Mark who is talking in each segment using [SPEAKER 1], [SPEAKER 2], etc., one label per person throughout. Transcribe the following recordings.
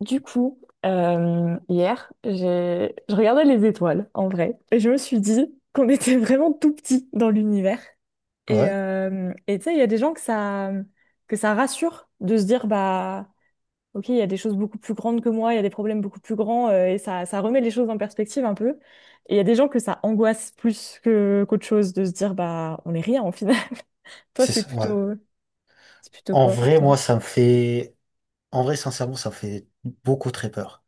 [SPEAKER 1] Du coup, hier, je regardais les étoiles, en vrai, et je me suis dit qu'on était vraiment tout petit dans l'univers.
[SPEAKER 2] Ouais,
[SPEAKER 1] Et tu sais, il y a des gens que ça rassure de se dire, bah, ok, il y a des choses beaucoup plus grandes que moi, il y a des problèmes beaucoup plus grands, et ça remet les choses en perspective un peu. Et il y a des gens que ça angoisse plus que qu'autre chose de se dire, bah, on est rien en final. Toi,
[SPEAKER 2] c'est ça, ouais.
[SPEAKER 1] c'est plutôt
[SPEAKER 2] En
[SPEAKER 1] quoi pour
[SPEAKER 2] vrai,
[SPEAKER 1] toi?
[SPEAKER 2] moi, ça me fait... En vrai, sincèrement, ça me fait beaucoup très peur.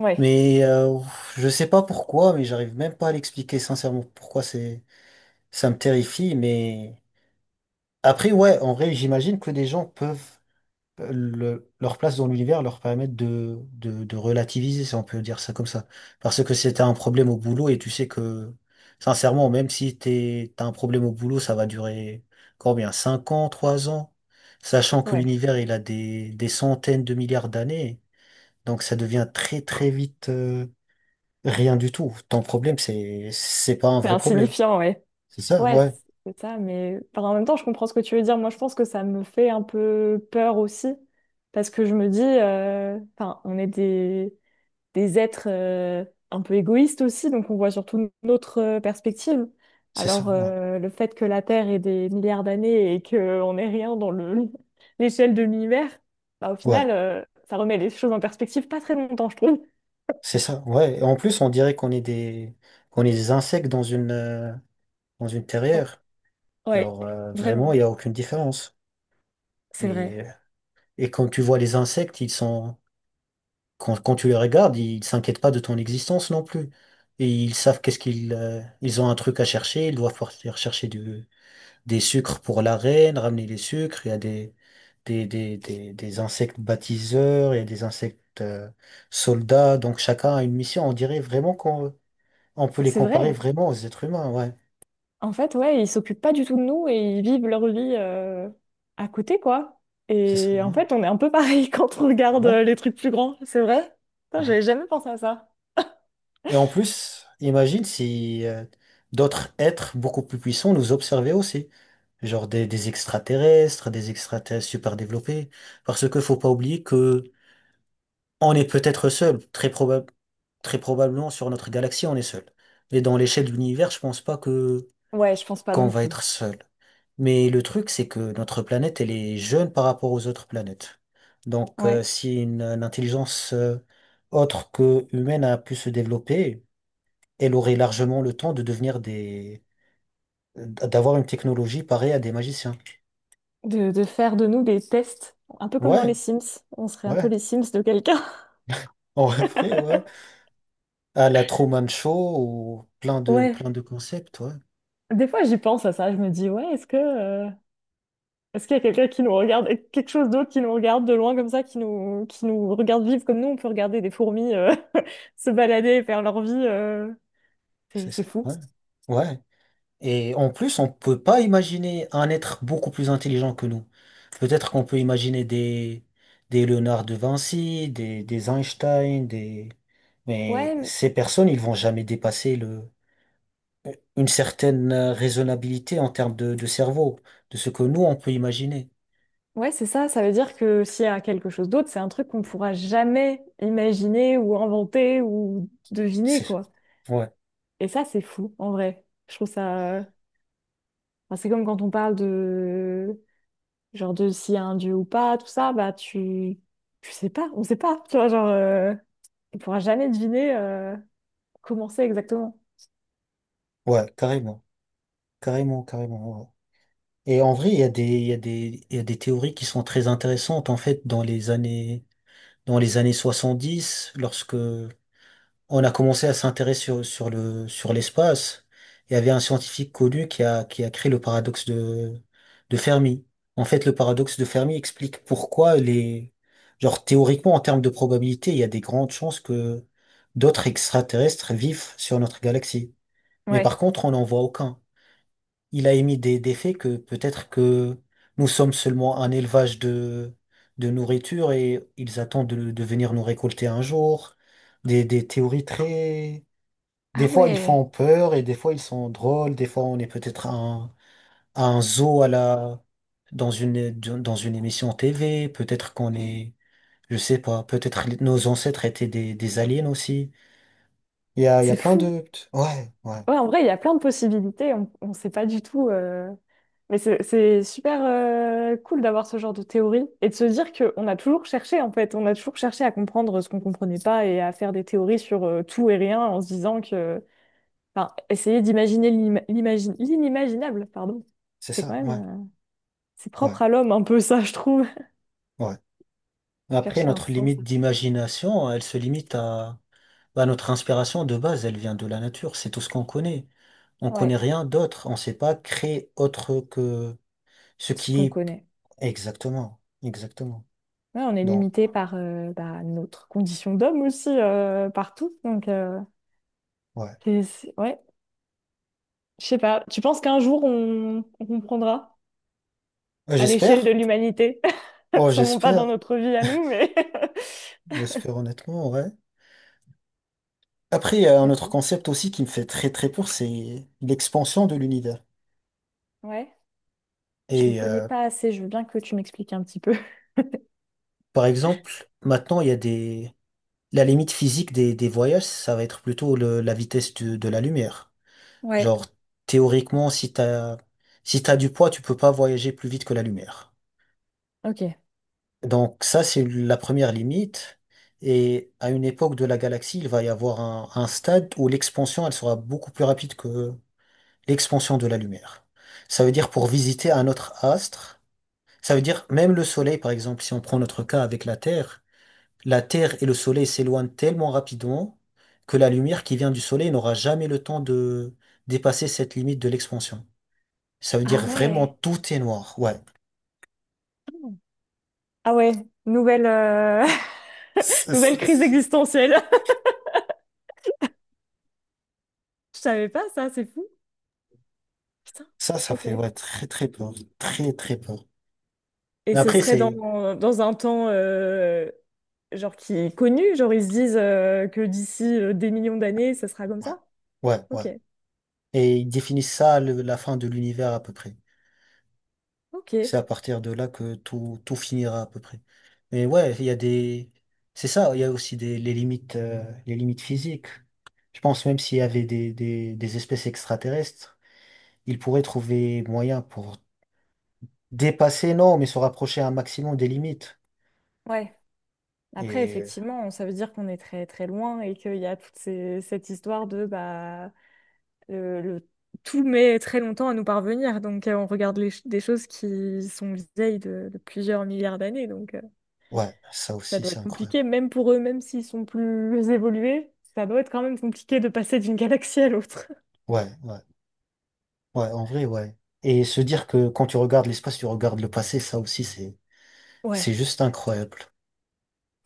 [SPEAKER 1] Ouais,
[SPEAKER 2] Mais je sais pas pourquoi, mais j'arrive même pas à l'expliquer sincèrement pourquoi c'est... ça me terrifie. Mais après, ouais, en vrai, j'imagine que des gens peuvent leur place dans l'univers leur permet de relativiser, si on peut dire ça comme ça. Parce que si t'as un problème au boulot et tu sais que, sincèrement, même si t'as un problème au boulot, ça va durer combien? 5 ans, 3 ans? Sachant que
[SPEAKER 1] ouais.
[SPEAKER 2] l'univers, il a des centaines de milliards d'années. Donc ça devient très très vite, rien du tout. Ton problème, c'est pas un
[SPEAKER 1] C'est
[SPEAKER 2] vrai problème.
[SPEAKER 1] insignifiant, ouais.
[SPEAKER 2] C'est ça,
[SPEAKER 1] Ouais,
[SPEAKER 2] ouais.
[SPEAKER 1] c'est ça, mais enfin, en même temps, je comprends ce que tu veux dire. Moi, je pense que ça me fait un peu peur aussi, parce que je me dis, enfin, on est des êtres un peu égoïstes aussi, donc on voit surtout notre perspective.
[SPEAKER 2] C'est ça,
[SPEAKER 1] Alors,
[SPEAKER 2] ouais.
[SPEAKER 1] le fait que la Terre ait des milliards d'années et qu'on n'est rien dans le l'échelle de l'univers, bah, au final,
[SPEAKER 2] Ouais.
[SPEAKER 1] ça remet les choses en perspective pas très longtemps, je trouve.
[SPEAKER 2] C'est ça, ouais. Et en plus, on dirait qu'on est des insectes dans une
[SPEAKER 1] Bon,
[SPEAKER 2] terrière.
[SPEAKER 1] ouais,
[SPEAKER 2] Alors, vraiment, il n'y
[SPEAKER 1] vraiment,
[SPEAKER 2] a aucune différence.
[SPEAKER 1] c'est vrai.
[SPEAKER 2] Et, et quand tu vois les insectes, quand tu les regardes, ils s'inquiètent pas de ton existence non plus. Et ils savent ils ont un truc à chercher, ils doivent partir chercher des sucres pour la reine, ramener les sucres. Il y a des insectes bâtisseurs, il y a des insectes, soldats. Donc, chacun a une mission. On dirait vraiment qu'on on peut les
[SPEAKER 1] C'est
[SPEAKER 2] comparer
[SPEAKER 1] vrai.
[SPEAKER 2] vraiment aux êtres humains. Ouais,
[SPEAKER 1] En fait, ouais, ils s'occupent pas du tout de nous et ils vivent leur vie à côté, quoi.
[SPEAKER 2] c'est ça.
[SPEAKER 1] Et en
[SPEAKER 2] Ouais,
[SPEAKER 1] fait, on est un peu pareil quand on regarde
[SPEAKER 2] ouais.
[SPEAKER 1] les trucs plus grands, c'est vrai? Putain,
[SPEAKER 2] Ouais.
[SPEAKER 1] j'avais jamais pensé à ça.
[SPEAKER 2] Et en plus, imagine si d'autres êtres beaucoup plus puissants nous observaient aussi. Genre des extraterrestres super développés. Parce que faut pas oublier que on est peut-être seul. Très probablement sur notre galaxie, on est seul. Mais dans l'échelle de l'univers, je pense pas que
[SPEAKER 1] Ouais, je pense pas
[SPEAKER 2] qu'on
[SPEAKER 1] non
[SPEAKER 2] va
[SPEAKER 1] plus.
[SPEAKER 2] être seul. Mais le truc, c'est que notre planète, elle est jeune par rapport aux autres planètes. Donc,
[SPEAKER 1] Ouais.
[SPEAKER 2] si une intelligence autre que humaine a pu se développer, elle aurait largement le temps de d'avoir une technologie pareille à des magiciens.
[SPEAKER 1] De faire de nous des tests, un peu comme dans les
[SPEAKER 2] Ouais,
[SPEAKER 1] Sims. On serait un peu
[SPEAKER 2] ouais,
[SPEAKER 1] les Sims de quelqu'un.
[SPEAKER 2] en vrai, ouais. À la Truman Show ou
[SPEAKER 1] Ouais.
[SPEAKER 2] plein de concepts, ouais.
[SPEAKER 1] Des fois, j'y pense à ça. Je me dis, ouais, est-ce qu'il y a quelqu'un qui nous regarde, quelque chose d'autre qui nous regarde de loin comme ça, qui nous regarde vivre comme nous, on peut regarder des fourmis se balader et faire leur vie. C'est
[SPEAKER 2] C'est
[SPEAKER 1] c'est
[SPEAKER 2] ça,
[SPEAKER 1] fou.
[SPEAKER 2] ouais. Ouais. Et en plus, on peut pas imaginer un être beaucoup plus intelligent que nous. Peut-être qu'on peut imaginer des Léonard de Vinci, des Einstein, des... Mais
[SPEAKER 1] Ouais,
[SPEAKER 2] ces personnes, ils vont jamais dépasser une certaine raisonnabilité en termes de cerveau, de ce que nous, on peut imaginer.
[SPEAKER 1] ouais, c'est ça. Ça veut dire que s'il y a quelque chose d'autre, c'est un truc qu'on ne pourra jamais imaginer ou inventer ou deviner,
[SPEAKER 2] C'est,
[SPEAKER 1] quoi.
[SPEAKER 2] ouais,
[SPEAKER 1] Et ça, c'est fou, en vrai. Je trouve ça… enfin, c'est comme quand on parle de… Genre de s'il y a un dieu ou pas, tout ça, bah tu… Tu sais pas, on sait pas. Tu vois, genre… On pourra jamais deviner comment c'est exactement.
[SPEAKER 2] ouais, carrément, carrément, carrément. Ouais. Ouais. Et en vrai, il y a des, il y a des, il y a des théories qui sont très intéressantes, en fait, dans les années 70, lorsque on a commencé à s'intéresser sur l'espace. Il y avait un scientifique connu qui a créé le paradoxe de Fermi. En fait, le paradoxe de Fermi explique pourquoi genre, théoriquement, en termes de probabilité, il y a des grandes chances que d'autres extraterrestres vivent sur notre galaxie. Mais par
[SPEAKER 1] Ouais.
[SPEAKER 2] contre, on n'en voit aucun. Il a émis des faits que peut-être que nous sommes seulement un élevage de nourriture et ils attendent de venir nous récolter un jour. Des théories
[SPEAKER 1] Ah
[SPEAKER 2] des fois, ils
[SPEAKER 1] ouais,
[SPEAKER 2] font peur et des fois, ils sont drôles. Des fois, on est peut-être à un zoo dans dans une émission TV. Peut-être qu'on est, je sais pas, peut-être nos ancêtres étaient des aliens aussi. Il y a
[SPEAKER 1] c'est
[SPEAKER 2] plein
[SPEAKER 1] fou.
[SPEAKER 2] de... Ouais, ouais,
[SPEAKER 1] Ouais, en vrai, il y a plein de possibilités. On ne sait pas du tout. Mais c'est super cool d'avoir ce genre de théorie et de se dire qu'on a toujours cherché, en fait. On a toujours cherché à comprendre ce qu'on comprenait pas et à faire des théories sur tout et rien en se disant que. Enfin, essayer d'imaginer l'inimaginable, pardon.
[SPEAKER 2] c'est
[SPEAKER 1] C'est quand
[SPEAKER 2] ça,
[SPEAKER 1] même.
[SPEAKER 2] ouais,
[SPEAKER 1] C'est propre
[SPEAKER 2] ouais,
[SPEAKER 1] à l'homme, un peu ça, je trouve.
[SPEAKER 2] ouais. Après,
[SPEAKER 1] Chercher un
[SPEAKER 2] notre
[SPEAKER 1] sens à
[SPEAKER 2] limite
[SPEAKER 1] tout ça.
[SPEAKER 2] d'imagination, elle se limite à notre inspiration de base, elle vient de la nature. C'est tout ce qu'on connaît. On
[SPEAKER 1] Ouais,
[SPEAKER 2] connaît rien d'autre. On sait pas créer autre que... Ce
[SPEAKER 1] ce
[SPEAKER 2] qui
[SPEAKER 1] qu'on
[SPEAKER 2] est
[SPEAKER 1] connaît.
[SPEAKER 2] exactement, exactement.
[SPEAKER 1] Ouais, on est
[SPEAKER 2] Donc,
[SPEAKER 1] limité par bah, notre condition d'homme aussi, partout. Donc.
[SPEAKER 2] ouais.
[SPEAKER 1] Ouais, Je sais pas, tu penses qu'un jour on comprendra à l'échelle de
[SPEAKER 2] J'espère.
[SPEAKER 1] l'humanité?
[SPEAKER 2] Oh,
[SPEAKER 1] Sûrement pas dans
[SPEAKER 2] j'espère.
[SPEAKER 1] notre vie à nous, mais.
[SPEAKER 2] J'espère honnêtement, ouais. Après, il y a un
[SPEAKER 1] Pas
[SPEAKER 2] autre
[SPEAKER 1] faux.
[SPEAKER 2] concept aussi qui me fait très très peur, c'est l'expansion de l'univers.
[SPEAKER 1] Ouais, je m'y
[SPEAKER 2] Et
[SPEAKER 1] connais pas assez, je veux bien que tu m'expliques un petit peu.
[SPEAKER 2] par exemple, maintenant, il y a des... La limite physique des voyages, ça va être plutôt la vitesse de la lumière.
[SPEAKER 1] Ouais.
[SPEAKER 2] Genre, théoriquement, si t'as du poids, tu peux pas voyager plus vite que la lumière.
[SPEAKER 1] Ok.
[SPEAKER 2] Donc ça, c'est la première limite. Et à une époque de la galaxie, il va y avoir un stade où l'expansion, elle sera beaucoup plus rapide que l'expansion de la lumière. Ça veut dire pour visiter un autre astre, ça veut dire même le Soleil, par exemple, si on prend notre cas avec la Terre et le Soleil s'éloignent tellement rapidement que la lumière qui vient du Soleil n'aura jamais le temps de dépasser cette limite de l'expansion. Ça veut
[SPEAKER 1] Ah
[SPEAKER 2] dire vraiment
[SPEAKER 1] ouais.
[SPEAKER 2] tout est noir. Ouais.
[SPEAKER 1] Mm. Ah ouais, nouvelle, euh, nouvelle crise existentielle. Je savais pas ça, c'est fou. Putain.
[SPEAKER 2] Ça fait
[SPEAKER 1] Ok.
[SPEAKER 2] ouais, très très peur. Très très peur.
[SPEAKER 1] Et
[SPEAKER 2] Mais
[SPEAKER 1] ce
[SPEAKER 2] après,
[SPEAKER 1] serait
[SPEAKER 2] c'est...
[SPEAKER 1] dans, dans un temps genre qui est connu, genre ils se disent que d'ici des millions d'années, ça sera comme
[SPEAKER 2] Ouais,
[SPEAKER 1] ça.
[SPEAKER 2] ouais, ouais.
[SPEAKER 1] Ok.
[SPEAKER 2] Et ils définissent ça, la fin de l'univers à peu près.
[SPEAKER 1] Ok.
[SPEAKER 2] C'est à partir de là que tout finira à peu près. Mais ouais, il y a des... C'est ça, il y a aussi les limites physiques. Je pense même s'il y avait des espèces extraterrestres, ils pourraient trouver moyen pour dépasser, non, mais se rapprocher un maximum des limites.
[SPEAKER 1] Ouais. Après,
[SPEAKER 2] Et
[SPEAKER 1] effectivement, ça veut dire qu'on est très très loin et qu'il y a cette histoire de bah le, le- tout met très longtemps à nous parvenir. Donc on regarde des choses qui sont vieilles de plusieurs milliards d'années. Donc
[SPEAKER 2] ouais, ça
[SPEAKER 1] ça
[SPEAKER 2] aussi,
[SPEAKER 1] doit
[SPEAKER 2] c'est
[SPEAKER 1] être
[SPEAKER 2] incroyable.
[SPEAKER 1] compliqué, même pour eux, même s'ils sont plus évolués, ça doit être quand même compliqué de passer d'une galaxie à l'autre.
[SPEAKER 2] Ouais, ouais. Ouais, en vrai, ouais. Et se dire que quand tu regardes l'espace, tu regardes le passé, ça aussi, c'est
[SPEAKER 1] Ouais,
[SPEAKER 2] juste incroyable.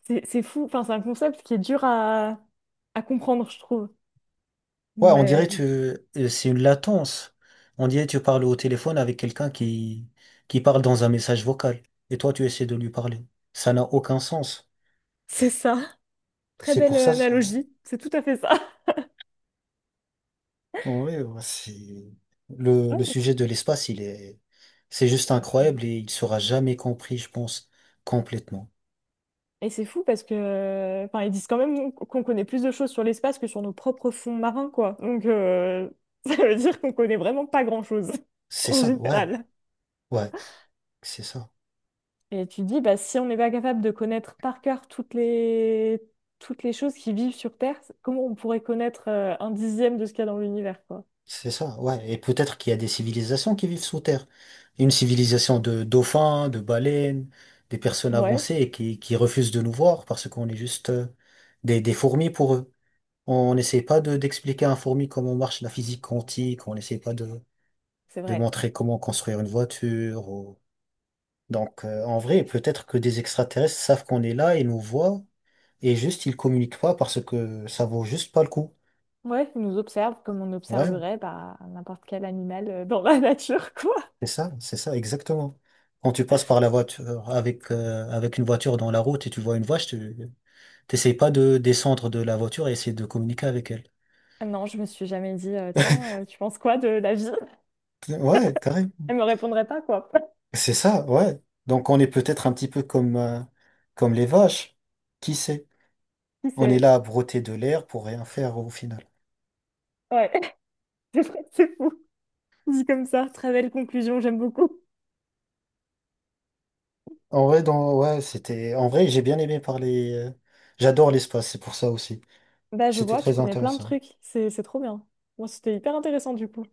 [SPEAKER 1] c'est fou. Enfin, c'est un concept qui est dur à comprendre, je trouve.
[SPEAKER 2] Ouais, on dirait
[SPEAKER 1] Mais
[SPEAKER 2] c'est une latence. On dirait tu parles au téléphone avec quelqu'un qui parle dans un message vocal. Et toi, tu essaies de lui parler. Ça n'a aucun sens.
[SPEAKER 1] c'est ça. Très
[SPEAKER 2] C'est
[SPEAKER 1] belle
[SPEAKER 2] pour ça, ça-
[SPEAKER 1] analogie. C'est tout à fait ça.
[SPEAKER 2] en ouais, le sujet de l'espace, c'est juste
[SPEAKER 1] Ouais,
[SPEAKER 2] incroyable et il sera jamais compris, je pense, complètement.
[SPEAKER 1] et c'est fou parce que, enfin, ils disent quand même qu'on connaît plus de choses sur l'espace que sur nos propres fonds marins, quoi. Donc, ça veut dire qu'on connaît vraiment pas grand-chose,
[SPEAKER 2] C'est
[SPEAKER 1] en
[SPEAKER 2] ça, ouais,
[SPEAKER 1] général.
[SPEAKER 2] ouais, c'est ça.
[SPEAKER 1] Et tu te dis, bah, si on n'est pas capable de connaître par cœur toutes les choses qui vivent sur Terre, comment on pourrait connaître un dixième de ce qu'il y a dans l'univers, quoi?
[SPEAKER 2] C'est ça, ouais. Et peut-être qu'il y a des civilisations qui vivent sous terre. Une civilisation de dauphins, de baleines, des personnes
[SPEAKER 1] Ouais,
[SPEAKER 2] avancées et qui refusent de nous voir parce qu'on est juste des fourmis pour eux. On n'essaie pas d'expliquer à un fourmi comment marche la physique quantique, on n'essaie pas
[SPEAKER 1] c'est
[SPEAKER 2] de
[SPEAKER 1] vrai.
[SPEAKER 2] montrer comment construire une voiture. Donc, en vrai, peut-être que des extraterrestres savent qu'on est là et nous voient et juste ils communiquent pas parce que ça vaut juste pas le coup.
[SPEAKER 1] Ouais, ils nous observent comme on
[SPEAKER 2] Ouais,
[SPEAKER 1] observerait bah, n'importe quel animal dans la nature, quoi.
[SPEAKER 2] c'est ça, c'est ça, exactement. Quand tu passes par la voiture avec une voiture dans la route et tu vois une vache, tu t'essayes pas de descendre de la voiture et essayer de communiquer avec elle.
[SPEAKER 1] Non, je me suis jamais dit, tiens, tu penses quoi de la vie?
[SPEAKER 2] Ouais, carrément.
[SPEAKER 1] Elle me répondrait pas, quoi.
[SPEAKER 2] C'est ça, ouais. Donc on est peut-être un petit peu comme, comme les vaches. Qui sait?
[SPEAKER 1] Si,
[SPEAKER 2] On est
[SPEAKER 1] c'est…
[SPEAKER 2] là à broter de l'air pour rien faire au final.
[SPEAKER 1] Ouais, c'est vrai, c'est fou. Dit comme ça, très belle conclusion, j'aime beaucoup.
[SPEAKER 2] En vrai, ouais, en vrai, j'ai bien aimé parler. J'adore l'espace, c'est pour ça aussi.
[SPEAKER 1] Bah, je
[SPEAKER 2] C'était
[SPEAKER 1] vois, tu
[SPEAKER 2] très
[SPEAKER 1] connais plein de
[SPEAKER 2] intéressant.
[SPEAKER 1] trucs. C'est trop bien. Moi, c'était hyper intéressant, du coup.